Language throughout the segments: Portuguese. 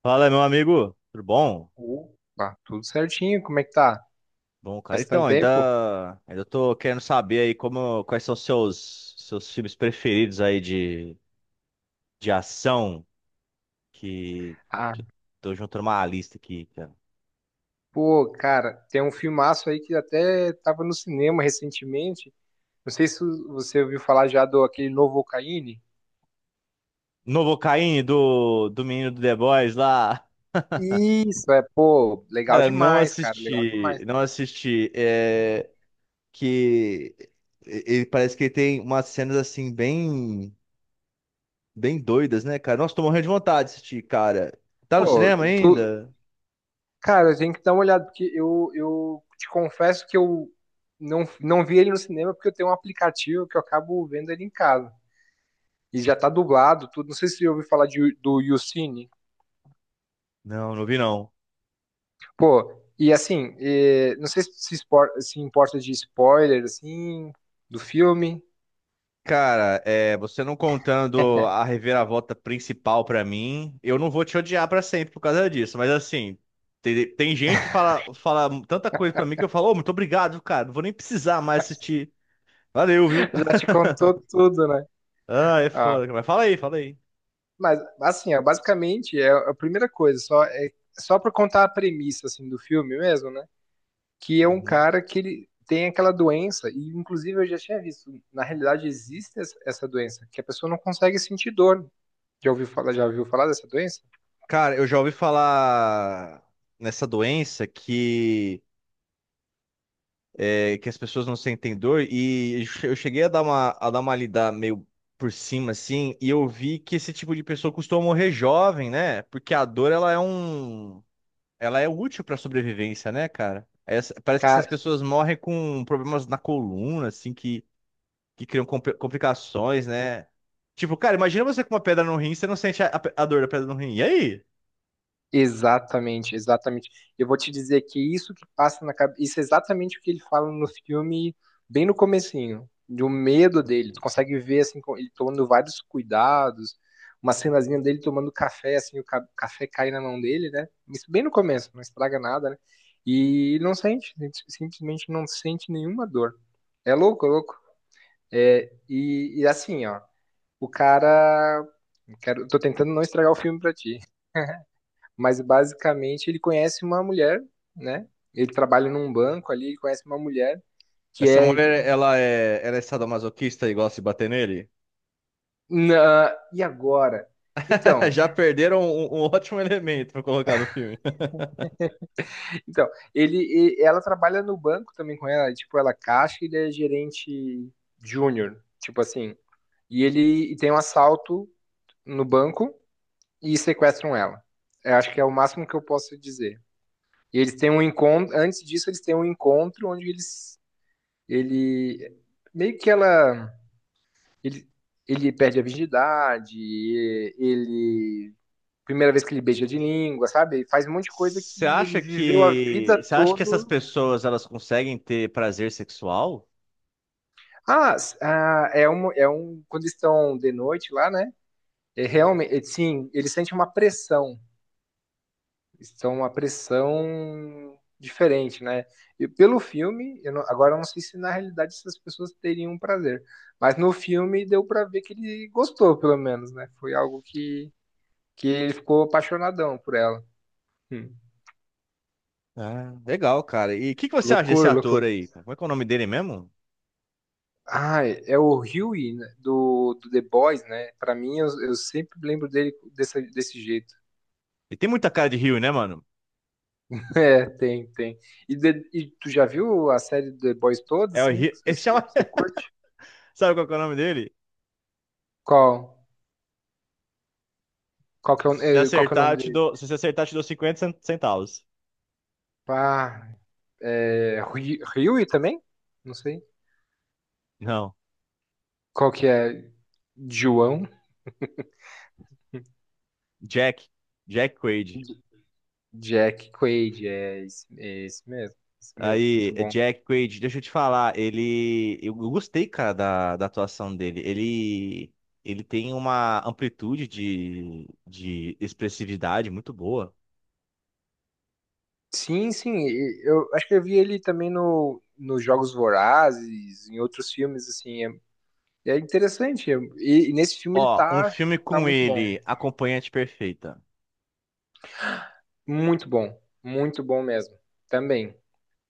Fala, meu amigo, tudo bom? Opa, tudo certinho, como é que tá? Bom, cara, Faz tanto então, tempo? ainda tô querendo saber aí como, quais são os seus filmes preferidos aí de ação, que, Ah, que eu tô juntando uma lista aqui, cara. pô, cara, tem um filmaço aí que até tava no cinema recentemente. Não sei se você ouviu falar já do aquele novo Ocaíne. Novocaine, do menino do The Boys lá. Isso, é, pô, legal Cara, não demais, cara, legal demais. assisti, não assisti, que ele parece que ele tem umas cenas, assim, bem, bem doidas, né, cara? Nossa, tô morrendo de vontade de assistir, cara. Tá no Pô, cinema tu, ainda? cara, tem que dar uma olhada, porque eu te confesso que eu não vi ele no cinema porque eu tenho um aplicativo que eu acabo vendo ele em casa. E já tá dublado, tudo. Não sei se você ouviu falar de, do YouCine. Não, não vi não. Pô, e assim, não sei se se importa de spoiler, assim, do filme. Cara, é, você não contando a reviravolta principal pra mim, eu não vou te odiar pra sempre por causa disso. Mas assim, tem gente que fala, fala tanta coisa pra mim que eu falo, ô, muito obrigado, cara. Não vou nem precisar mais assistir. Valeu, viu? Já te contou tudo, né? Ah, é Ah, foda, cara. Mas fala aí, fala aí. mas, assim, ó, basicamente, é a primeira coisa, só, é, só pra contar a premissa, assim, do filme mesmo, né? Que é um Uhum. cara que ele tem aquela doença, e inclusive eu já tinha visto, na realidade existe essa doença, que a pessoa não consegue sentir dor. Já ouviu falar dessa doença? Cara, eu já ouvi falar nessa doença que é, que as pessoas não sentem dor, e eu cheguei a dar uma lida meio por cima, assim, e eu vi que esse tipo de pessoa costuma morrer jovem, né? Porque a dor, ela é um... Ela é útil para sobrevivência, né, cara? Essa- parece que essas Cara, pessoas morrem com problemas na coluna, assim, que criam complicações, né? Tipo, cara, imagina você com uma pedra no rim, você não sente a, a dor da pedra no rim. E aí? exatamente, exatamente. Eu vou te dizer que isso que passa na cabeça, isso é exatamente o que ele fala no filme, bem no comecinho, do medo dele. Tu consegue ver assim, ele tomando vários cuidados, uma cenazinha dele tomando café, assim, o café cai na mão dele, né? Isso bem no começo, não estraga nada, né? E ele não sente, ele simplesmente não sente nenhuma dor. É louco, é louco. É, e assim, ó, o cara, quero, tô tentando não estragar o filme pra ti, mas basicamente ele conhece uma mulher, né? Ele trabalha num banco ali, ele conhece uma mulher que Essa é mulher, ela é sadomasoquista e gosta de bater nele? na... e agora? Então, Já perderam um, um ótimo elemento para colocar no filme. então, ele, ela trabalha no banco também com ela, tipo, ela é caixa, e ele é gerente júnior, tipo assim. E ele e tem um assalto no banco e sequestram ela. Eu acho que é o máximo que eu posso dizer. E eles têm um encontro, antes disso eles têm um encontro onde eles ele meio que ela. Ele, ele perde a virgindade, ele. Primeira vez que ele beija de língua, sabe? Ele faz um monte de coisa que ele viveu a vida Você acha que essas toda. pessoas elas conseguem ter prazer sexual? Ah, ah, é um, é um. Quando estão de noite lá, né? É realmente, é, sim, ele sente uma pressão. Estão uma pressão diferente, né? E pelo filme, eu não, agora eu não sei se na realidade essas pessoas teriam um prazer. Mas no filme deu pra ver que ele gostou, pelo menos, né? Foi algo que ele ficou apaixonadão por ela. Hum. Ah, legal, cara. E o que que você acha desse Loucura, ator loucura. aí, cara? Como é que é o nome dele mesmo? Ah, é o Huey né, do, do The Boys, né? Pra mim, eu sempre lembro dele desse, desse jeito. Ele tem muita cara de Rio, né, mano? É, tem, tem. E, e tu já viu a série do The Boys toda, É o assim? Rio. Ele Você, chama... você curte? Sabe qual que é o nome dele? Qual? Qual que é o, Se você qual que é o acertar, eu nome te dele? dou... Se você acertar, eu te dou centavos. Ah, é, Huey também? Não sei. Não. Qual que é? João? Jack. Jack Quaid. J- Jack Quaid, é esse mesmo. Esse mesmo, Aí, muito bom. Jack Quaid, deixa eu te falar, ele. Eu gostei, cara, da, da atuação dele. Ele. Ele tem uma amplitude de expressividade muito boa. Sim, sim. E eu acho que eu vi ele também no, nos Jogos Vorazes, em outros filmes, assim. É, é interessante. E nesse filme Ó, um filme tá com muito bom. ele, Acompanhante Perfeita. Muito bom. Muito bom mesmo. Também.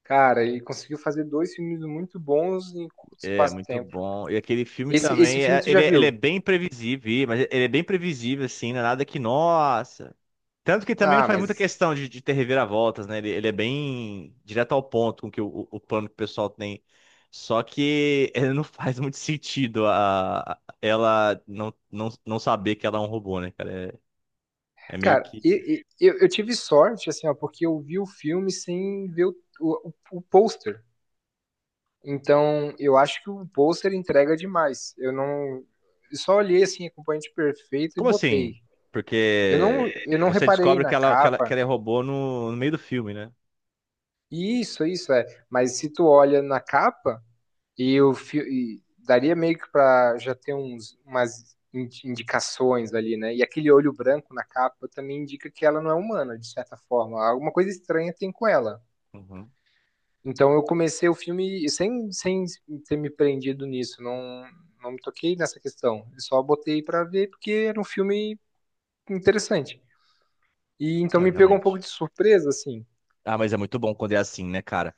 Cara, ele conseguiu fazer dois filmes muito bons em curto É, espaço de muito tempo. bom. E aquele filme Esse também, filme tu já ele viu? é bem previsível, mas ele é bem previsível, assim, não é nada que, nossa. Tanto que também não Ah, faz muita mas. questão de ter reviravoltas, né? Ele é bem direto ao ponto com que o, o plano que o pessoal tem. Só que ele não faz muito sentido a, ela não, não, não saber que ela é um robô, né, cara? É, é meio Cara, que. eu tive sorte, assim, ó, porque eu vi o filme sem ver o pôster. Então, eu acho que o pôster entrega demais. Eu não. Eu só olhei assim, acompanhante perfeito e Como botei. assim? Eu não, Porque eu não você reparei descobre na que ela, que ela, que capa. ela é robô no, no meio do filme, né? Isso é. Mas se tu olha na capa, e eu e daria meio que pra já ter uns, indicações ali, né? E aquele olho branco na capa também indica que ela não é humana, de certa forma. Alguma coisa estranha tem com ela. Uhum. Então eu comecei o filme sem ter me prendido nisso, não me toquei nessa questão. Eu só botei pra ver porque era um filme interessante. E então É, me pegou um pouco realmente. de surpresa, assim. Ah, mas é muito bom quando é assim, né, cara?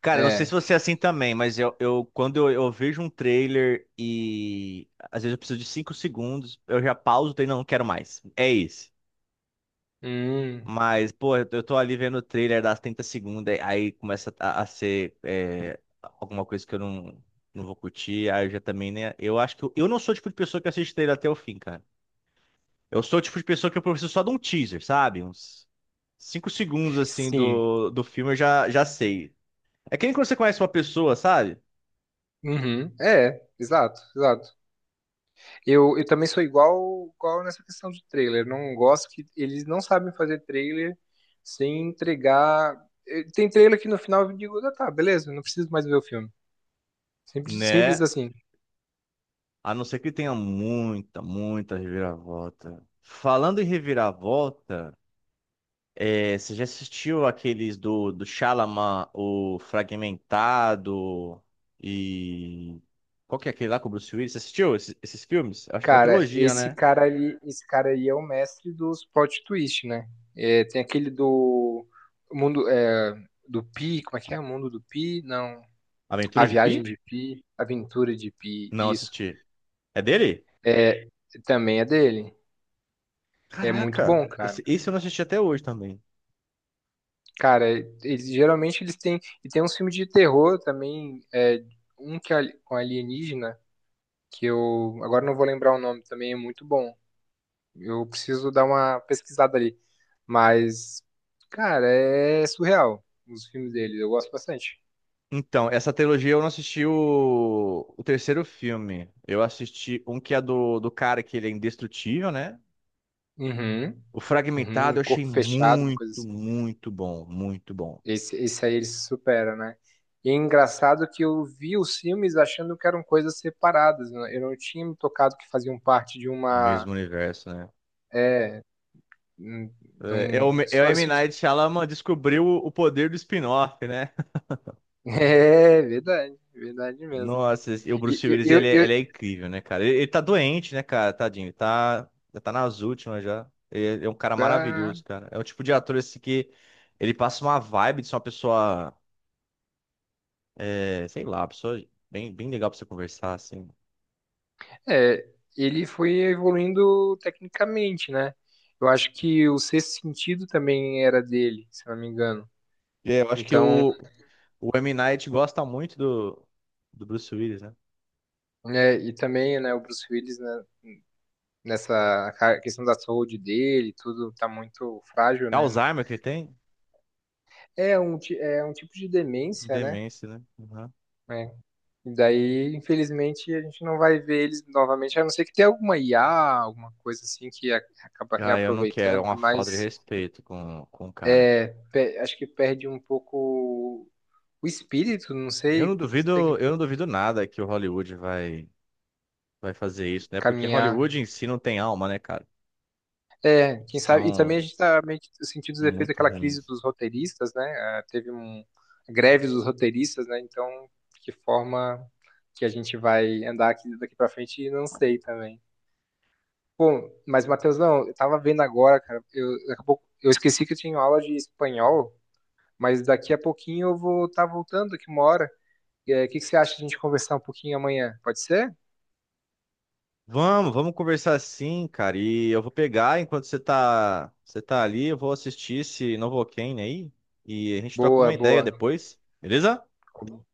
Cara, eu não sei se É. você é assim também, mas eu quando eu vejo um trailer e às vezes eu preciso de 5 segundos, eu já pauso e não, não quero mais. É isso. Hum, Mas, pô, eu tô ali vendo o trailer das 30 segundos, aí começa a ser é, alguma coisa que eu não, não vou curtir, aí eu já também, né? Eu acho que eu não sou o tipo de pessoa que assiste trailer até o fim, cara. Eu sou o tipo de pessoa que eu preciso só de um teaser, sabe? Uns 5 segundos, assim, sim. do, do filme eu já, já sei. É que nem quando você conhece uma pessoa, sabe? Uhum. É, exato, exato. Eu também sou igual, igual nessa questão de trailer. Não gosto que eles não sabem fazer trailer sem entregar. Tem trailer que no final eu digo, ah, tá, beleza, não preciso mais ver o filme. Simples, simples Né? assim. A não ser que tenha muita, muita reviravolta. Falando em reviravolta, é, você já assistiu aqueles do, do Shyamalan, o Fragmentado e... Qual que é aquele lá com o Bruce Willis? Você assistiu esses, esses filmes? Uma Cara, trilogia, esse né? cara ali, esse cara aí é o mestre dos plot twist, né? É, tem aquele do mundo é, do Pi, como é que é? O mundo do Pi? Não, a Aventuras de viagem Pi? de Pi, a aventura de Pi, Não, isso. assisti. É dele? É, também é dele. É muito Caraca! bom, cara. Esse eu não assisti até hoje também. Cara, eles geralmente eles têm e tem uns filmes de terror também, é, um que é com alienígena que eu agora não vou lembrar o nome, também é muito bom. Eu preciso dar uma pesquisada ali. Mas, cara, é surreal os filmes dele. Eu gosto bastante. Então, essa trilogia eu não assisti o terceiro filme. Eu assisti um que é do, do cara que ele é indestrutível, né? Uhum. O Uhum. Fragmentado eu achei Corpo fechado, uma coisa muito, assim. muito bom. Muito bom. Esse aí ele se supera, né? E é engraçado que eu vi os filmes achando que eram coisas separadas, né? Eu não tinha me tocado que faziam parte de uma. Mesmo universo, né? É. De É, é o, um- é o só M. esse- Night Shyamalan descobriu o poder do spin-off, né? É verdade, verdade mesmo. Nossa, o E Bruce Willis, eu, ele, eu, eu- ele é incrível, né, cara? Ele tá doente, né, cara? Tadinho. Ele tá, já tá nas últimas já. Ele é um cara ah, maravilhoso, cara. É o tipo de ator, assim, que ele passa uma vibe de ser uma pessoa, é, sei lá, uma pessoa bem, bem legal pra você conversar, assim. É, ele foi evoluindo tecnicamente, né? Eu acho que o Sexto Sentido também era dele, se não me engano. É, eu acho que Então, o M. Night gosta muito do, do Bruce Willis, né? né, e também, né, o Bruce Willis, né, questão da saúde dele, tudo tá muito frágil, É né? Alzheimer que ele tem? É um, é um tipo de demência, né? Demência, né? Uhum. É. E daí, infelizmente, a gente não vai ver eles novamente, a não ser que tenha alguma IA, alguma coisa assim que acaba Ah, eu não quero. É reaproveitando, uma mas falta de respeito com o cara. é, acho que perde um pouco o espírito, não sei, você tem que Eu não duvido nada que o Hollywood vai, vai fazer isso, né? Porque Hollywood caminhar. em si não tem alma, né, cara? É, quem sabe, e também a São gente tá meio que sentindo os efeitos muito daquela crise ruins. dos roteiristas, né? Ah, teve um a greve dos roteiristas, né? Então, que forma que a gente vai andar aqui daqui para frente, não sei também. Bom, mas Matheus, não, eu tava vendo agora, cara, eu, daqui a pouco, eu esqueci que eu tinha aula de espanhol, mas daqui a pouquinho eu vou estar voltando aqui uma hora. É, o que que você acha de a gente conversar um pouquinho amanhã? Pode ser? Vamos, vamos conversar sim, cara. E eu vou pegar enquanto você tá ali, eu vou assistir esse Novocaine aí e a gente troca Boa, uma ideia boa. depois, beleza?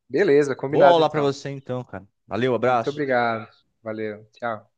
Beleza, Boa combinado aula pra então. você então, cara. Valeu, Muito abraço. obrigado. Valeu. Tchau.